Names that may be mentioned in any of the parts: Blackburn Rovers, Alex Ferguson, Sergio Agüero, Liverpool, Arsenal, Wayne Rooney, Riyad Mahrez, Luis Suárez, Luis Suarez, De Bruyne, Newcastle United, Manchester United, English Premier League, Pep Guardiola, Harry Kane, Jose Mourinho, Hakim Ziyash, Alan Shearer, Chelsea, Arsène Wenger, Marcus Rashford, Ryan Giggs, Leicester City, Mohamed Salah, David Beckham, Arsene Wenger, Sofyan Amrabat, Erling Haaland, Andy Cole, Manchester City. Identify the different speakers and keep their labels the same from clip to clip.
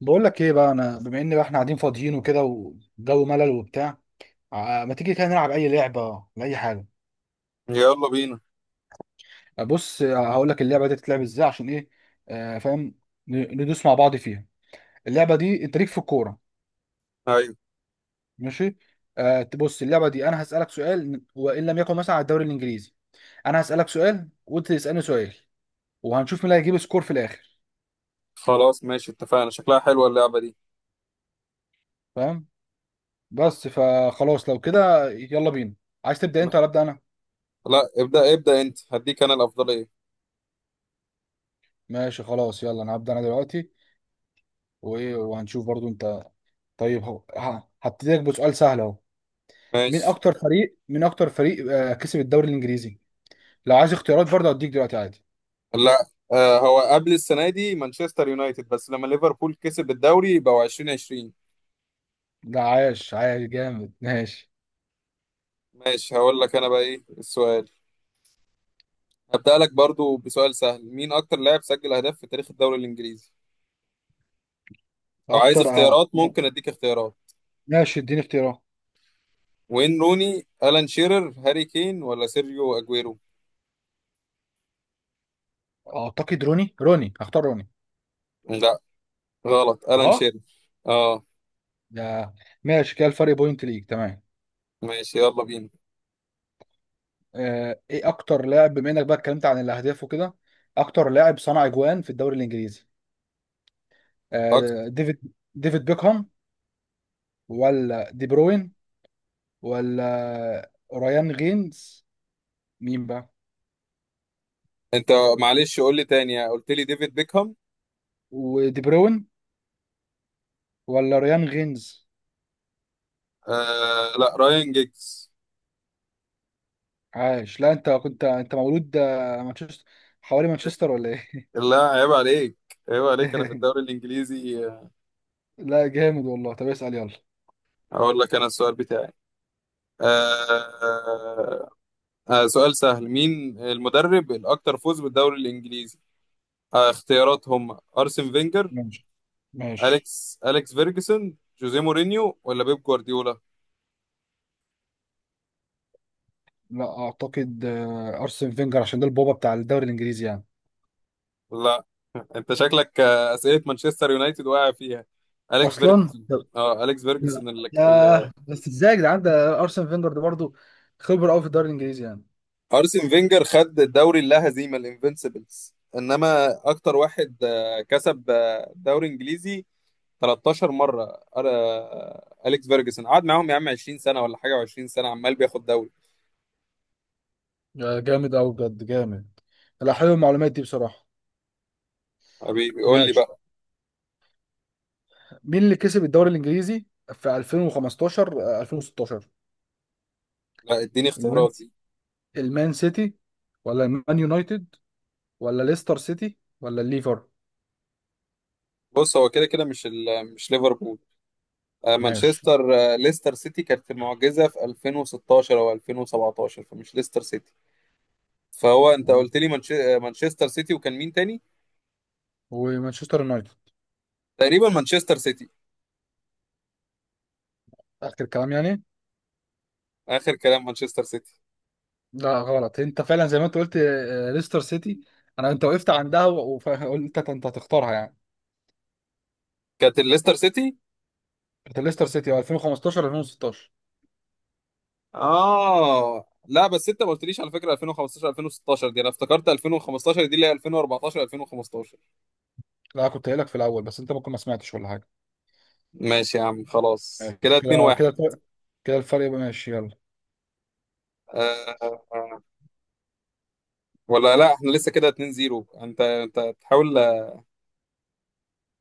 Speaker 1: بقول لك ايه بقى انا بما ان بقى احنا قاعدين فاضيين وكده والجو ملل وبتاع. ما تيجي كده نلعب اي لعبه لاي حاجه.
Speaker 2: يلا بينا.
Speaker 1: آه، بص آه، هقول لك اللعبه دي تتلعب ازاي عشان ايه. آه فاهم. ندوس مع بعض فيها. اللعبه دي انت ليك في الكوره.
Speaker 2: ايوه،
Speaker 1: ماشي. آه بص اللعبه دي انا هسالك سؤال وان لم يكن مثلا على الدوري الانجليزي. انا هسالك سؤال وانت تسالني سؤال. وهنشوف مين اللي هيجيب سكور في الاخر.
Speaker 2: خلاص ماشي اتفقنا، شكلها حلوة اللعبة دي.
Speaker 1: فاهم. بس فخلاص لو كده يلا بينا. عايز تبدا
Speaker 2: لا،
Speaker 1: انت ولا ابدا انا؟
Speaker 2: لا، ابدأ ابدأ انت، هديك انا الأفضلية.
Speaker 1: ماشي خلاص يلا انا هبدا انا دلوقتي. وايه وهنشوف برضو انت. طيب هو هبتديك بسؤال سهل اهو. مين
Speaker 2: ماشي.
Speaker 1: اكتر فريق من اكتر فريق كسب الدوري الانجليزي؟ لو عايز اختيارات برضه هديك دلوقتي عادي.
Speaker 2: لا، هو قبل السنة دي مانشستر يونايتد، بس لما ليفربول كسب الدوري يبقوا 2020.
Speaker 1: لا عايش جامد ماشي.
Speaker 2: ماشي، هقول لك انا بقى ايه السؤال. هبدأ لك برضو بسؤال سهل: مين اكتر لاعب سجل اهداف في تاريخ الدوري الانجليزي؟ لو عايز
Speaker 1: اكتر
Speaker 2: اختيارات ممكن اديك اختيارات.
Speaker 1: ماشي اديني اختيارات.
Speaker 2: وين روني، ألان شيرر، هاري كين، ولا سيرجيو اجويرو؟
Speaker 1: اعتقد روني هختار روني.
Speaker 2: لا، غلط، ألان
Speaker 1: اه
Speaker 2: شيرر. اه.
Speaker 1: ده ماشي كده الفرق بوينت ليك تمام.
Speaker 2: ماشي، يلا بينا.
Speaker 1: ايه اكتر لاعب بما انك بقى اتكلمت عن الاهداف وكده؟ اكتر لاعب صنع اجوان في الدوري الانجليزي؟ ديفيد بيكهام، ولا دي بروين، ولا ريان غينز؟ مين بقى؟
Speaker 2: انت معلش قول لي تاني، قلت لي ديفيد بيكهام.
Speaker 1: ودي بروين ولا ريان غينز؟
Speaker 2: لا، رايان جيجز.
Speaker 1: عاش. لا انت كنت انت مولود مانشستر، حوالي مانشستر ولا ايه؟
Speaker 2: لا، عيب عليك، عيب عليك، انا في الدوري الانجليزي.
Speaker 1: لا جامد والله. طب اسأل يلا.
Speaker 2: اقول لك انا السؤال بتاعي. آه سؤال سهل: مين المدرب الاكثر فوز بالدوري الانجليزي؟ اختيارات هم ارسن فينجر،
Speaker 1: ماشي. ماشي.
Speaker 2: اليكس فيرجسون، جوزيه مورينيو، ولا بيب جوارديولا؟
Speaker 1: لا اعتقد ارسن فينجر، عشان ده البابا بتاع الدوري الانجليزي يعني.
Speaker 2: لا. انت شكلك اسئله مانشستر يونايتد واقع فيها. اليكس
Speaker 1: اصلا
Speaker 2: فيرجسون. اه، اليكس
Speaker 1: لا،
Speaker 2: فيرجسون اللي...
Speaker 1: يا بس ازاي يا جدعان، ده ارسن فينجر ده برضه خبره قوي في الدوري الانجليزي يعني.
Speaker 2: ارسن فينجر خد الدوري اللا هزيمه الانفنسبلز، انما اكتر واحد كسب دوري انجليزي 13 مره. اليكس فيرجسون قعد معاهم يا عم 20 سنه ولا حاجه، و20 سنه عمال بياخد دوري.
Speaker 1: يا جامد قوي بجد جامد. لا حلو المعلومات دي بصراحه.
Speaker 2: حبيبي بيقول لي
Speaker 1: ماشي.
Speaker 2: بقى.
Speaker 1: مين اللي كسب الدوري الانجليزي في 2015 2016؟
Speaker 2: لا، اديني
Speaker 1: المان،
Speaker 2: اختيارات دي.
Speaker 1: المان سيتي، ولا المان يونايتد، ولا ليستر سيتي، ولا الليفر؟
Speaker 2: بص هو كده كده مش مش ليفربول.
Speaker 1: ماشي.
Speaker 2: مانشستر ليستر سيتي كانت المعجزه في 2016 او 2017، فمش ليستر سيتي. فهو انت
Speaker 1: آه.
Speaker 2: قلت لي منش... آه، مانشستر سيتي، وكان مين تاني؟
Speaker 1: ومانشستر يونايتد.
Speaker 2: تقريبا مانشستر سيتي.
Speaker 1: اخر كلام يعني.
Speaker 2: اخر كلام مانشستر سيتي.
Speaker 1: لا غلط، انت فعلا زي ما انت قلت، ليستر سيتي. انا انت وقفت عندها وقلت انت هتختارها يعني.
Speaker 2: كانت الليستر سيتي.
Speaker 1: كانت ليستر سيتي 2015 2016.
Speaker 2: اه لا، بس انت ما قلتليش على فكره 2015 2016 دي، انا افتكرت 2015 دي اللي هي 2014 2015.
Speaker 1: لا كنت قايلك في الاول بس انت ممكن ما سمعتش ولا حاجه.
Speaker 2: ماشي يا عم خلاص،
Speaker 1: ماشي
Speaker 2: كده 2
Speaker 1: كده.
Speaker 2: 1
Speaker 1: كده الفرق يبقى ماشي يلا.
Speaker 2: آه. آه. آه. ولا لا، احنا لسه كده 2-0، انت تحاول.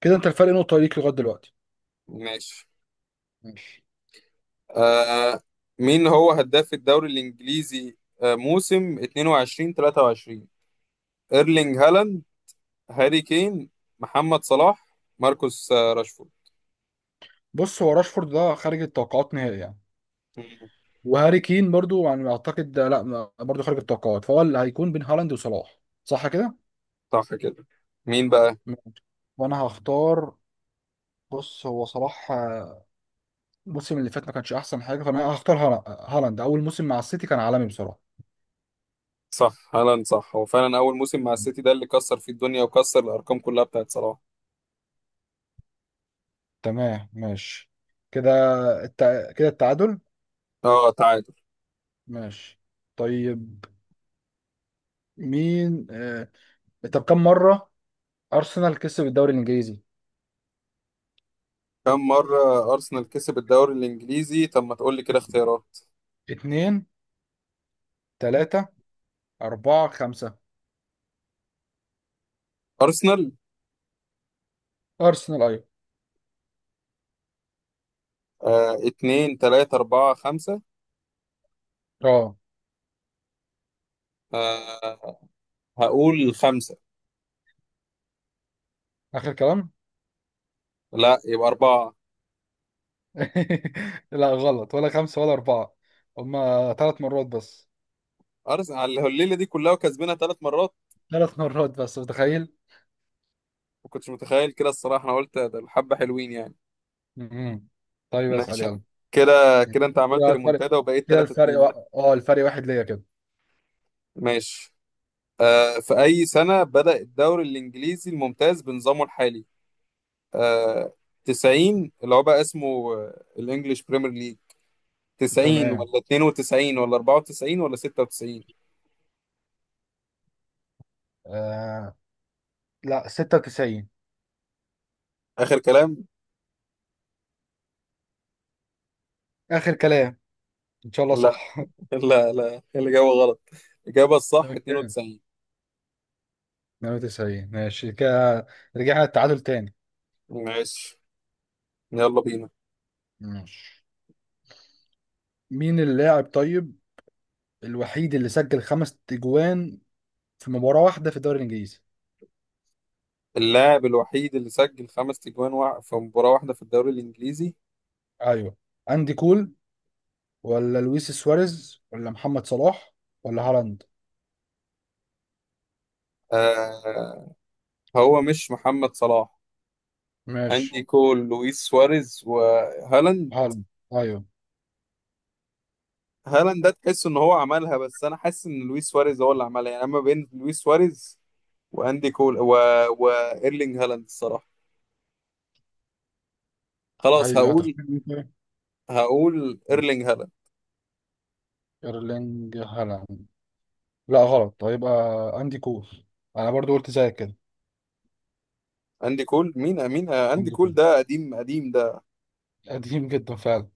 Speaker 1: كده انت الفرق نقطه ليك لغايه دلوقتي.
Speaker 2: ماشي.
Speaker 1: ماشي.
Speaker 2: آه، مين هو هداف الدوري الانجليزي موسم 22/23؟ ايرلينج هالاند، هاري كين، محمد صلاح، ماركوس راشفورد.
Speaker 1: بص هو راشفورد ده خارج التوقعات نهائي يعني.
Speaker 2: مم.
Speaker 1: وهاري كين برضو يعني اعتقد ده لا ما- برضو خارج التوقعات، فهو اللي هيكون بين هالاند وصلاح، صح كده؟
Speaker 2: صح كده. مين بقى؟
Speaker 1: ماشي. وانا هختار. بص هو صلاح الموسم اللي فات ما كانش احسن حاجه، فانا هختار هالاند، اول موسم مع السيتي كان عالمي بصراحه.
Speaker 2: صح، هالاند صح، هو فعلا اول موسم مع السيتي ده اللي كسر فيه الدنيا وكسر الارقام كلها بتاعت صلاح.
Speaker 1: تمام ماشي. كده التعادل.
Speaker 2: اه، تعادل.
Speaker 1: ماشي. طيب. مين طب كم مره ارسنال كسب الدوري الانجليزي؟
Speaker 2: كم مرة ارسنال كسب الدوري الانجليزي؟ طب ما تقول لي كده اختيارات.
Speaker 1: اتنين، تلاتة، أربعة، خمسة؟
Speaker 2: ارسنال.
Speaker 1: ارسنال، ايوه.
Speaker 2: اتنين، تلاتة، اربعة، خمسة.
Speaker 1: اه،
Speaker 2: آه هقول خمسة.
Speaker 1: اخر كلام.
Speaker 2: لا، يبقى اربعة.
Speaker 1: لا غلط، ولا خمسه ولا اربعه، هما ثلاث مرات بس.
Speaker 2: ارسنال على الليلة دي كلها وكسبنا ثلاث مرات؟
Speaker 1: ثلاث مرات بس، متخيل؟
Speaker 2: ما كنتش متخيل كده الصراحة، انا قلت ده الحبة حلوين يعني.
Speaker 1: مم. طيب اسال
Speaker 2: ماشي يا عم.
Speaker 1: يلا.
Speaker 2: كده كده انت عملت
Speaker 1: كده الفرق،
Speaker 2: ريمونتادا وبقيت
Speaker 1: كده
Speaker 2: 3
Speaker 1: الفرق و...
Speaker 2: 2
Speaker 1: اه الفرق واحد ليا كده.
Speaker 2: ماشي. في أي سنة بدأ الدوري الإنجليزي الممتاز بنظامه الحالي؟ آه، 90 اللي هو بقى اسمه الإنجليش بريمير ليج. 90
Speaker 1: تمام.
Speaker 2: ولا 92 ولا 94 ولا 96؟
Speaker 1: آه... لا 96.
Speaker 2: آخر كلام؟
Speaker 1: اخر كلام. ان شاء الله
Speaker 2: لا،
Speaker 1: صح.
Speaker 2: لا، لا، الإجابة غلط. الإجابة الصح
Speaker 1: اوكي.
Speaker 2: 92.
Speaker 1: 98 ماشي كده، رجعنا التعادل تاني.
Speaker 2: ماشي، يلا بينا.
Speaker 1: ماشي. مين اللاعب طيب الوحيد اللي سجل خمس اجوان في مباراة واحدة في الدوري الانجليزي؟
Speaker 2: اللاعب الوحيد اللي سجل خمس تجوان في مباراة واحدة في الدوري الإنجليزي؟
Speaker 1: ايوه. اندي كول، ولا لويس سواريز، ولا محمد صلاح، ولا هالاند؟
Speaker 2: آه، هو مش محمد صلاح.
Speaker 1: ماشي.
Speaker 2: أندي كول، لويس سواريز، وهالاند.
Speaker 1: هالاند؟ ايوه.
Speaker 2: هالاند ده تحس ان هو عملها، بس انا حاسس ان لويس سواريز هو اللي عملها يعني. اما بين لويس سواريز، واندي كول، و... وايرلينج هالاند الصراحه، خلاص.
Speaker 1: هي
Speaker 2: هقول
Speaker 1: هتختار مين طيب؟
Speaker 2: هقول ايرلينج هالاند.
Speaker 1: ايرلينج هالاند. لا غلط، هيبقى اندي كول. انا برضو قلت زيك كده.
Speaker 2: اندي كول؟ مين مين آه، اندي
Speaker 1: اندي
Speaker 2: كول
Speaker 1: كول
Speaker 2: ده قديم قديم ده.
Speaker 1: قديم جدا فعلا.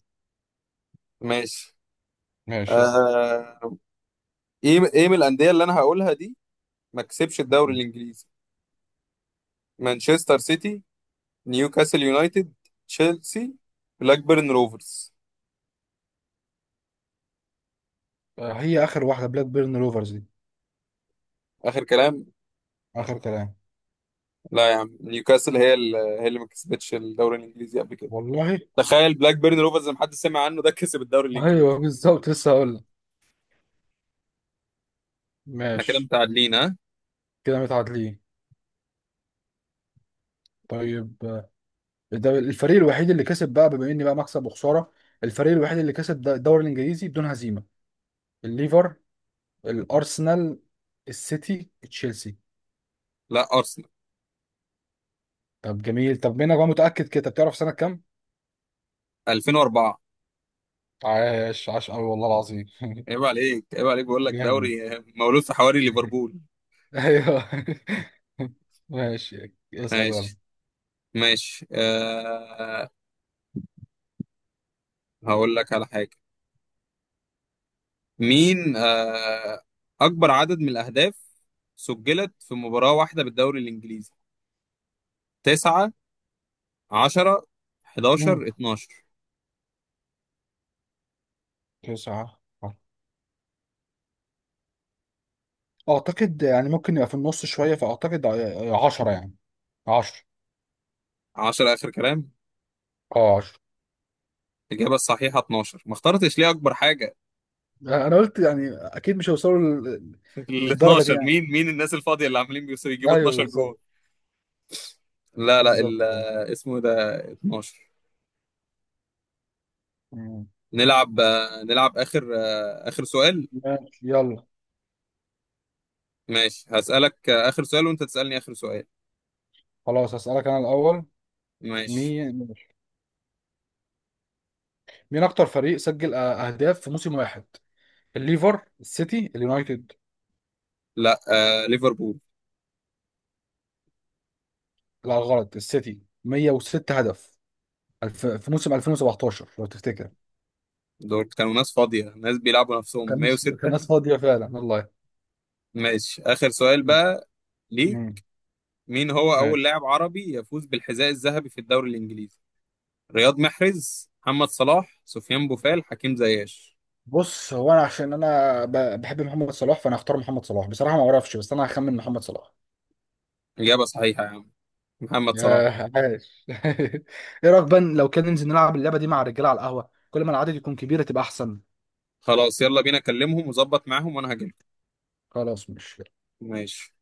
Speaker 2: ماشي.
Speaker 1: ماشي صح.
Speaker 2: آه... ايه من الانديه اللي انا هقولها دي ما كسبش الدوري الانجليزي؟ مانشستر سيتي، نيوكاسل يونايتد، تشيلسي، بلاكبيرن روفرز.
Speaker 1: هي اخر واحده بلاك بيرن روفرز دي.
Speaker 2: اخر كلام.
Speaker 1: اخر كلام.
Speaker 2: لا يا عم، نيوكاسل هي اللي ما كسبتش الدوري الانجليزي قبل كده.
Speaker 1: والله.
Speaker 2: تخيل بلاك بيرن روفرز ما حد سمع عنه ده كسب الدوري الانجليزي.
Speaker 1: ايوه بالظبط، لسه هقول لك.
Speaker 2: احنا كده
Speaker 1: ماشي.
Speaker 2: متعادلين، ها.
Speaker 1: كده متعادلين. طيب ده الفريق الوحيد اللي كسب بقى، بما اني بقى مكسب وخساره، الفريق الوحيد اللي كسب الدوري الانجليزي بدون هزيمه. الليفر، الارسنال، السيتي، تشيلسي؟
Speaker 2: لا، ارسنال
Speaker 1: طب جميل. طب منك بقى متاكد كده؟ طب تعرف سنه كام؟
Speaker 2: 2004.
Speaker 1: عاش عاش قوي والله العظيم.
Speaker 2: عيب عليك، عيب عليك، بقول لك دوري
Speaker 1: جامد.
Speaker 2: مولود في حواري ليفربول.
Speaker 1: ايوه. ماشي اسأل يلا.
Speaker 2: ماشي، ماشي أه. هقول لك على حاجه. مين أه اكبر عدد من الاهداف سجلت في مباراه واحده بالدوري الانجليزي؟ 9، 10،
Speaker 1: مم.
Speaker 2: 11، 12؟
Speaker 1: تسعة اعتقد يعني، ممكن يبقى في النص شويه، فاعتقد عشرة يعني. عشرة.
Speaker 2: 10 اخر كلام.
Speaker 1: اه عشرة.
Speaker 2: الاجابه الصحيحه 12. ما اخترتش ليه اكبر حاجه؟
Speaker 1: انا قلت يعني اكيد مش هيوصلوا
Speaker 2: ال
Speaker 1: للدرجه دي.
Speaker 2: 12، مين الناس الفاضية اللي عاملين بيوصل يجيبوا
Speaker 1: ايوه
Speaker 2: 12 جول؟
Speaker 1: بالظبط.
Speaker 2: لا لا،
Speaker 1: بالظبط كده.
Speaker 2: اسمه ده 12.
Speaker 1: مم.
Speaker 2: نلعب آخر سؤال.
Speaker 1: ماشي يلا.
Speaker 2: ماشي، هسألك آخر سؤال، وأنت تسألني آخر سؤال.
Speaker 1: خلاص هسألك انا الاول.
Speaker 2: ماشي.
Speaker 1: مين، مين اكتر فريق سجل اهداف في موسم واحد؟ الليفر، السيتي، اليونايتد؟
Speaker 2: لا، آه، ليفربول.
Speaker 1: لا غلط، السيتي 106 هدف. في موسم 2017 لو تفتكر.
Speaker 2: دول كانوا ناس فاضية، ناس بيلعبوا نفسهم
Speaker 1: كان ناس، كان
Speaker 2: 106.
Speaker 1: ناس فاضية فعلا والله.
Speaker 2: ماشي، آخر سؤال
Speaker 1: مم.
Speaker 2: بقى ليك.
Speaker 1: مم.
Speaker 2: مين هو أول
Speaker 1: ماشي.
Speaker 2: لاعب عربي يفوز بالحذاء الذهبي في الدوري الإنجليزي؟ رياض محرز، محمد صلاح، سفيان بوفال، حكيم زياش؟
Speaker 1: بص هو انا عشان بحب محمد صلاح، فانا هختار محمد صلاح. بصراحة ما اعرفش، بس انا هخمن محمد صلاح.
Speaker 2: إجابة صحيحة يا عم، محمد صلاح.
Speaker 1: ياه عاش. ايه رايك بقى لو كان ننزل نلعب اللعبه دي مع الرجاله على القهوه؟ كل ما العدد يكون كبير تبقى احسن.
Speaker 2: خلاص، يلا بينا، كلمهم وظبط معاهم وانا هجيلكم.
Speaker 1: خلاص مش
Speaker 2: ماشي.